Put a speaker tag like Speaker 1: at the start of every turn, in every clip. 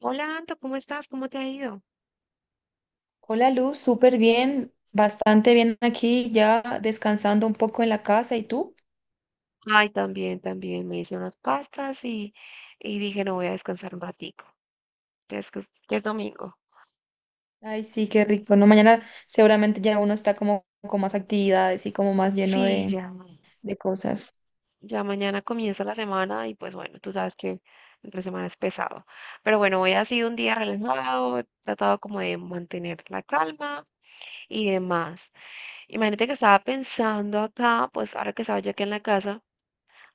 Speaker 1: Hola, Anto, ¿cómo estás? ¿Cómo te ha ido?
Speaker 2: Hola Luz, súper bien, bastante bien aquí, ya descansando un poco en la casa. ¿Y tú?
Speaker 1: Ay, también, también. Me hice unas pastas y dije, no voy a descansar un ratico, que es domingo.
Speaker 2: Ay, sí, qué rico, ¿no? Mañana seguramente ya uno está como con más actividades y como más lleno
Speaker 1: Sí, ya,
Speaker 2: de cosas.
Speaker 1: ya mañana comienza la semana y pues bueno, tú sabes que la semana es pesado. Pero bueno, hoy ha sido un día relajado, he tratado como de mantener la calma y demás. Imagínate que estaba pensando acá, pues ahora que estaba yo aquí en la casa,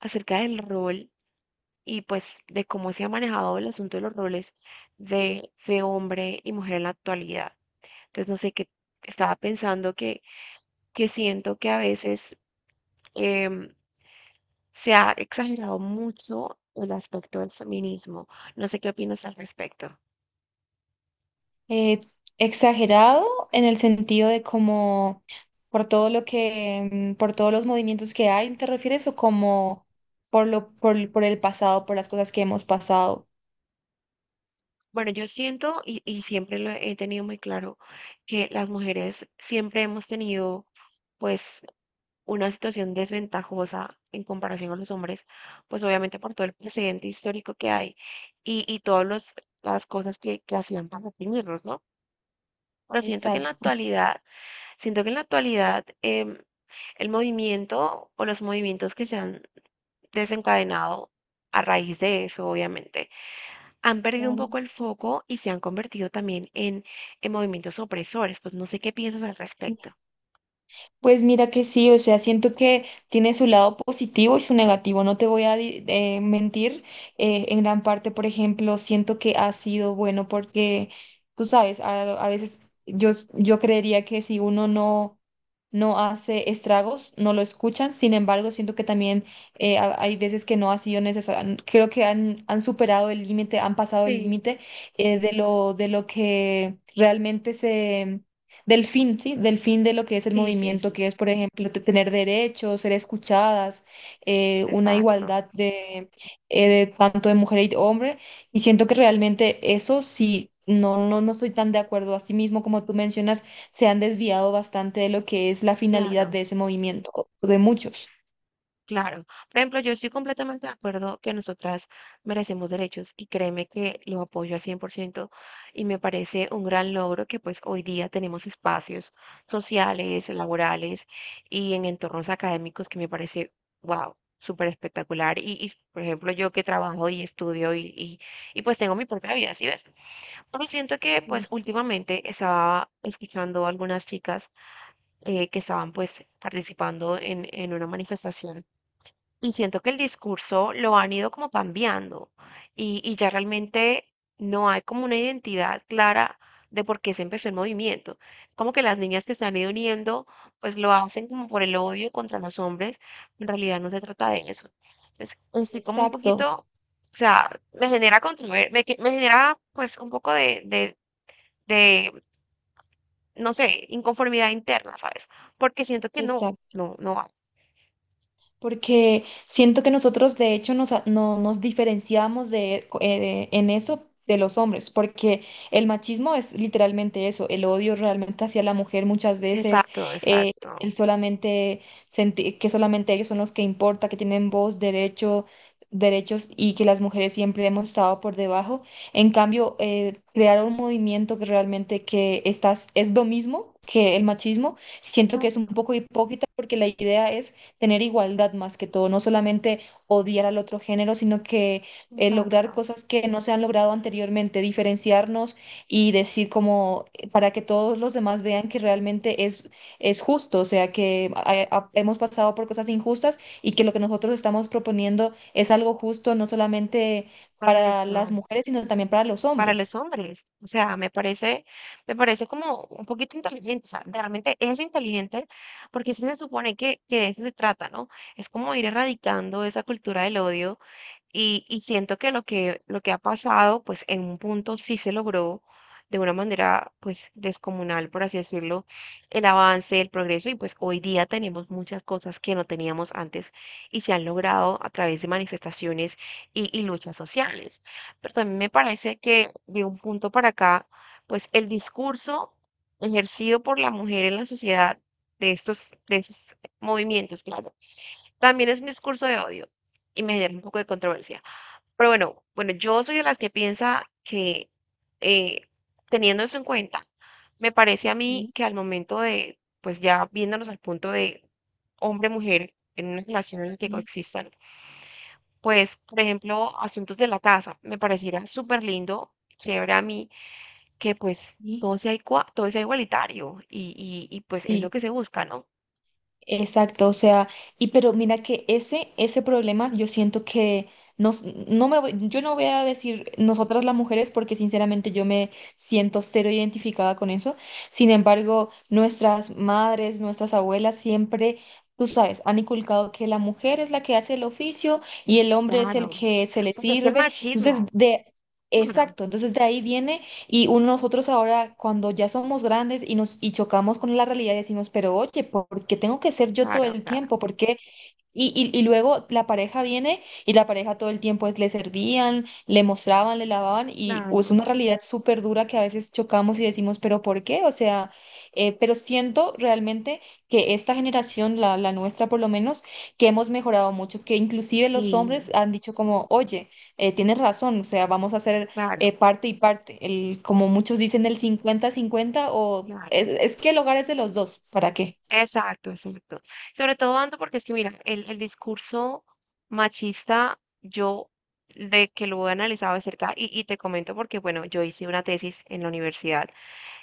Speaker 1: acerca del rol. Y pues de cómo se ha manejado el asunto de los roles de hombre y mujer en la actualidad. Entonces, no sé, qué estaba pensando que siento que a veces em, se ha exagerado mucho el aspecto del feminismo. No sé qué opinas al respecto.
Speaker 2: Eh, exagerado en el sentido de como por todo lo que, por todos los movimientos que hay, ¿te refieres? ¿O como por el pasado, por las cosas que hemos pasado?
Speaker 1: Bueno, yo siento y siempre lo he tenido muy claro que las mujeres siempre hemos tenido pues una situación desventajosa en comparación con los hombres, pues obviamente por todo el precedente histórico que hay y todas las cosas que hacían para oprimirlos, ¿no? Pero siento que en la
Speaker 2: Exacto,
Speaker 1: actualidad, siento que en la actualidad em, el movimiento o los movimientos que se han desencadenado a raíz de eso, obviamente, han perdido un
Speaker 2: claro.
Speaker 1: poco el foco y se han convertido también en movimientos opresores. Pues no sé qué piensas al
Speaker 2: Sí.
Speaker 1: respecto.
Speaker 2: Pues mira que sí, o sea, siento que tiene su lado positivo y su negativo, no te voy a mentir. En gran parte, por ejemplo, siento que ha sido bueno porque, tú sabes, a veces yo creería que si uno no hace estragos, no lo escuchan. Sin embargo, siento que también hay veces que no ha sido necesario. Creo que han superado el límite, han pasado el
Speaker 1: Sí,
Speaker 2: límite de lo que realmente del fin, ¿sí? Del fin de lo que es el
Speaker 1: sí, sí,
Speaker 2: movimiento,
Speaker 1: sí,
Speaker 2: que es, por ejemplo, tener derechos, ser escuchadas, una
Speaker 1: exacto,
Speaker 2: igualdad de tanto de mujer y hombre. Y siento que realmente eso sí, no estoy tan de acuerdo. Asimismo, como tú mencionas, se han desviado bastante de lo que es la finalidad
Speaker 1: claro.
Speaker 2: de ese movimiento, o de muchos.
Speaker 1: Claro. Por ejemplo, yo estoy completamente de acuerdo que nosotras merecemos derechos y créeme que lo apoyo al 100% y me parece un gran logro que pues hoy día tenemos espacios sociales, laborales y en entornos académicos que me parece, wow, súper espectacular. Y, por ejemplo, yo que trabajo y estudio y, pues tengo mi propia vida, ¿sí ves? Pero siento que pues
Speaker 2: Sí.
Speaker 1: últimamente estaba escuchando algunas chicas que estaban pues participando en una manifestación y siento que el discurso lo han ido como cambiando y ya realmente no hay como una identidad clara de por qué se empezó el movimiento. Es como que las niñas que se han ido uniendo, pues lo hacen como por el odio contra los hombres. En realidad no se trata de eso. Entonces, estoy como un
Speaker 2: Exacto,
Speaker 1: poquito, o sea, me genera me genera pues un poco de no sé, inconformidad interna, ¿sabes? Porque siento que no,
Speaker 2: exacto.
Speaker 1: no va.
Speaker 2: Porque siento que nosotros de hecho nos, a- no, nos diferenciamos en eso de los hombres, porque el machismo es literalmente eso, el odio realmente hacia la mujer muchas veces,
Speaker 1: Exacto,
Speaker 2: eh,
Speaker 1: exacto.
Speaker 2: el solamente sentir que solamente ellos son los que importa, que tienen voz, derechos y que las mujeres siempre hemos estado por debajo. En cambio, crear un movimiento que realmente que estás, es lo mismo que el machismo, siento que es un
Speaker 1: Exacto.
Speaker 2: poco hipócrita porque la idea es tener igualdad más que todo, no solamente odiar al otro género, sino que lograr
Speaker 1: Exacto,
Speaker 2: cosas que no se han logrado anteriormente, diferenciarnos y decir como para que todos los demás vean que realmente es justo, o sea, que hemos pasado por cosas injustas y que lo que nosotros estamos proponiendo es algo justo, no solamente para las
Speaker 1: correcto.
Speaker 2: mujeres, sino también para los
Speaker 1: Para los
Speaker 2: hombres.
Speaker 1: hombres, o sea, me parece como un poquito inteligente, o sea, realmente es inteligente porque sí se supone que de eso se trata, ¿no? Es como ir erradicando esa cultura del odio. Y siento que lo que, lo que ha pasado, pues en un punto sí se logró de una manera, pues descomunal, por así decirlo, el avance, el progreso, y pues hoy día tenemos muchas cosas que no teníamos antes y se han logrado a través de manifestaciones y luchas sociales. Pero también me parece que de un punto para acá, pues el discurso ejercido por la mujer en la sociedad de estos, de esos movimientos, claro, también es un discurso de odio y me genera un poco de controversia. Pero bueno, bueno, yo soy de las que piensa que eh, teniendo eso en cuenta, me parece a mí
Speaker 2: Sí,
Speaker 1: que al momento de, pues ya viéndonos al punto de hombre-mujer en una relación en la que
Speaker 2: sí,
Speaker 1: coexistan, pues por ejemplo, asuntos de la casa, me pareciera súper lindo, chévere a mí, que pues
Speaker 2: sí.
Speaker 1: todo sea, todo sea igualitario y pues es lo
Speaker 2: Sí.
Speaker 1: que se busca, ¿no?
Speaker 2: Exacto, o sea, y pero mira que ese problema yo siento que nos, no me voy- yo no voy a decir nosotras las mujeres porque sinceramente yo me siento cero identificada con eso. Sin embargo, nuestras madres, nuestras abuelas siempre, tú sabes, han inculcado que la mujer es la que hace el oficio y el hombre es el
Speaker 1: Claro,
Speaker 2: que se le
Speaker 1: porque es el
Speaker 2: sirve. Entonces,
Speaker 1: machismo,
Speaker 2: de,
Speaker 1: claro,
Speaker 2: exacto, entonces de ahí viene y uno, nosotros ahora, cuando ya somos grandes y nos y chocamos con la realidad, decimos, pero oye, ¿por qué tengo que ser yo todo
Speaker 1: claro,
Speaker 2: el
Speaker 1: claro,
Speaker 2: tiempo? ¿Por qué? Y, luego la pareja viene y la pareja todo el tiempo le servían, le mostraban, le lavaban y es
Speaker 1: claro,
Speaker 2: una realidad súper dura que a veces chocamos y decimos, pero ¿por qué? O sea, pero siento realmente que esta generación, la nuestra por lo menos, que hemos mejorado mucho, que inclusive los
Speaker 1: y
Speaker 2: hombres han dicho como, oye, tienes razón, o sea, vamos a hacer
Speaker 1: claro,
Speaker 2: parte y parte. El, como muchos dicen, el cincuenta-cincuenta o
Speaker 1: claro.
Speaker 2: es que el hogar es de los dos. ¿Para qué?
Speaker 1: Exacto, exacto. Sobre todo, Ando, porque es que, mira, el discurso machista, yo de que lo he analizado de cerca y te comento porque, bueno, yo hice una tesis en la universidad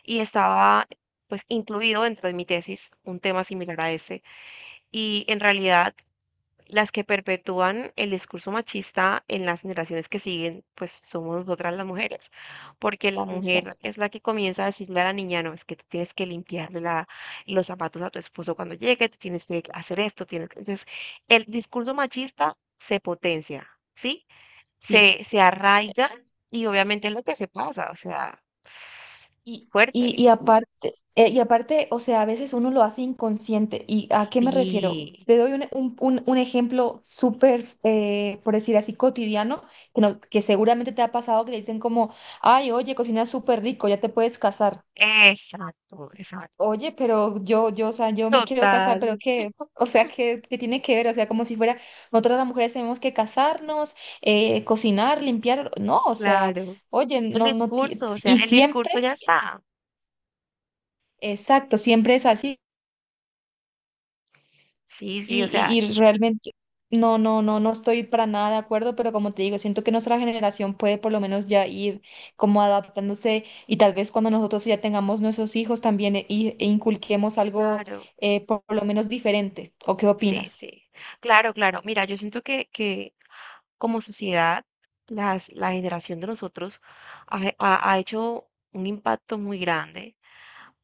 Speaker 1: y estaba, pues, incluido dentro de mi tesis un tema similar a ese. Y en realidad, las que perpetúan el discurso machista en las generaciones que siguen, pues somos nosotras las mujeres, porque la
Speaker 2: Exacto.
Speaker 1: mujer es la que comienza a decirle a la niña, no, es que tú tienes que limpiarle los zapatos a tu esposo cuando llegue, tú tienes que hacer esto, tienes que... Entonces, el discurso machista se potencia, ¿sí?
Speaker 2: Sí.
Speaker 1: Se arraiga y obviamente es lo que se pasa, o sea,
Speaker 2: Y,
Speaker 1: fuerte.
Speaker 2: aparte, y aparte, o sea, a veces uno lo hace inconsciente. ¿Y a qué me refiero?
Speaker 1: Sí,
Speaker 2: Te doy un ejemplo súper, por decir así, cotidiano, que, no- que seguramente te ha pasado que le dicen como, ay, oye, cocinas súper rico, ya te puedes casar.
Speaker 1: exacto, exacto.
Speaker 2: Oye, pero yo, o sea, yo me quiero casar,
Speaker 1: Total,
Speaker 2: pero ¿qué? O sea, ¿qué, qué tiene que ver? O sea, como si fuera, nosotras las mujeres tenemos que casarnos, cocinar, limpiar. No, o sea,
Speaker 1: claro.
Speaker 2: oye,
Speaker 1: El
Speaker 2: no, no, ti-
Speaker 1: discurso, o sea,
Speaker 2: y
Speaker 1: el
Speaker 2: siempre,
Speaker 1: discurso ya está.
Speaker 2: exacto, siempre es así.
Speaker 1: Sí, sí,
Speaker 2: Y,
Speaker 1: o sea,
Speaker 2: realmente, no estoy para nada de acuerdo, pero como te digo, siento que nuestra generación puede por lo menos ya ir como adaptándose y tal vez cuando nosotros ya tengamos nuestros hijos también inculquemos algo
Speaker 1: claro,
Speaker 2: por lo menos diferente. ¿O qué
Speaker 1: sí,
Speaker 2: opinas?
Speaker 1: sí. Claro, claro. Mira, yo siento que como sociedad, la generación de nosotros ha hecho un impacto muy grande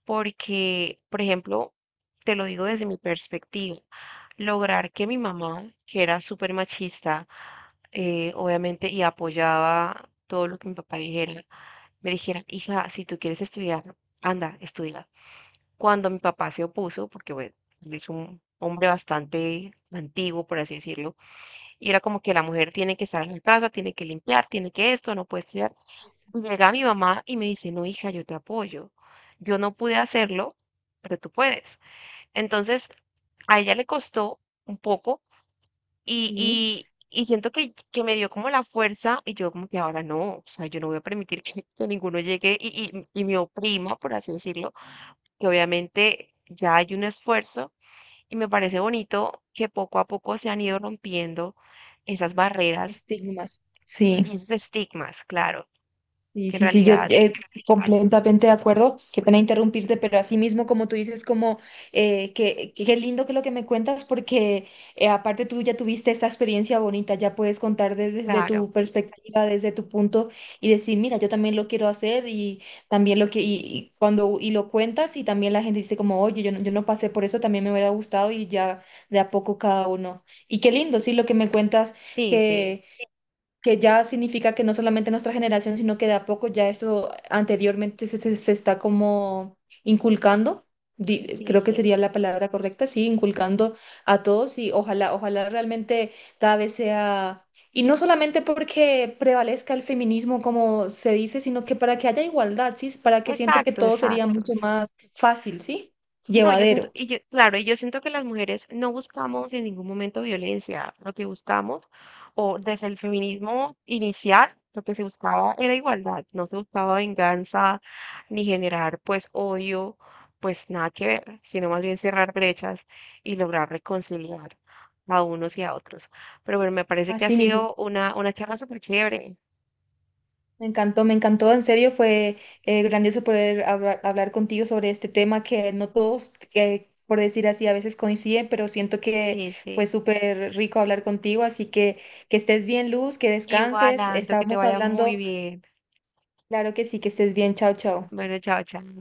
Speaker 1: porque, por ejemplo, te lo digo desde mi perspectiva, lograr que mi mamá, que era súper machista, obviamente, y apoyaba todo lo que mi papá dijera, me dijera, hija, si tú quieres estudiar, anda, estudia. Cuando mi papá se opuso, porque bueno, él es un hombre bastante antiguo, por así decirlo, y era como que la mujer tiene que estar en la casa, tiene que limpiar, tiene que esto, no puede estudiar. Y llega mi mamá y me dice, no, hija, yo te apoyo. Yo no pude hacerlo, pero tú puedes. Entonces, a ella le costó un poco y,
Speaker 2: Sí,
Speaker 1: y, y siento que me dio como la fuerza y yo como que ahora no, o sea, yo no voy a permitir que ninguno llegue y me oprima, por así decirlo, que obviamente ya hay un esfuerzo y me parece bonito que poco a poco se han ido rompiendo esas barreras
Speaker 2: estigmas. Sí,
Speaker 1: y esos estigmas, claro,
Speaker 2: sí,
Speaker 1: que en
Speaker 2: sí, sí, yo
Speaker 1: realidad, uf,
Speaker 2: completamente de acuerdo. Qué pena interrumpirte, pero así mismo, como tú dices, como que, qué lindo que lo que me cuentas, porque aparte tú ya tuviste esta experiencia bonita, ya puedes contar desde
Speaker 1: claro,
Speaker 2: tu perspectiva, desde tu punto y decir, mira, yo también lo quiero hacer y también lo que cuando y lo cuentas y también la gente dice como, oye, yo no pasé por eso, también me hubiera gustado y ya de a poco cada uno. Y qué lindo, sí, lo que me cuentas
Speaker 1: sí, sí,
Speaker 2: que que ya significa que no solamente nuestra generación, sino que de a poco ya eso anteriormente se está como inculcando,
Speaker 1: sí,
Speaker 2: creo que
Speaker 1: sí.
Speaker 2: sería la palabra correcta, sí, inculcando a todos y ojalá, ojalá realmente cada vez sea, y no solamente porque prevalezca el feminismo como se dice, sino que para que haya igualdad, sí, para que siento que
Speaker 1: Exacto,
Speaker 2: todo sería
Speaker 1: exacto,
Speaker 2: mucho más
Speaker 1: exacto.
Speaker 2: fácil, sí,
Speaker 1: No, yo siento,
Speaker 2: llevadero.
Speaker 1: y yo- claro, y yo siento que las mujeres no buscamos en ningún momento violencia. Lo que buscamos, o desde el feminismo inicial, lo que se buscaba era igualdad, no se buscaba venganza ni generar pues odio, pues nada que ver, sino más bien cerrar brechas y lograr reconciliar a unos y a otros. Pero bueno, me parece que ha
Speaker 2: Así mismo.
Speaker 1: sido una charla súper chévere.
Speaker 2: Me encantó, en serio fue grandioso poder hablar, hablar contigo sobre este tema que no todos, que, por decir así, a veces coinciden, pero siento que
Speaker 1: Sí,
Speaker 2: fue
Speaker 1: sí.
Speaker 2: súper rico hablar contigo, así que estés bien, Luz, que
Speaker 1: Igual,
Speaker 2: descanses,
Speaker 1: Anto, que te
Speaker 2: estamos
Speaker 1: vaya muy
Speaker 2: hablando,
Speaker 1: bien.
Speaker 2: claro que sí, que estés bien, chao, chao.
Speaker 1: Bueno, chao, chao.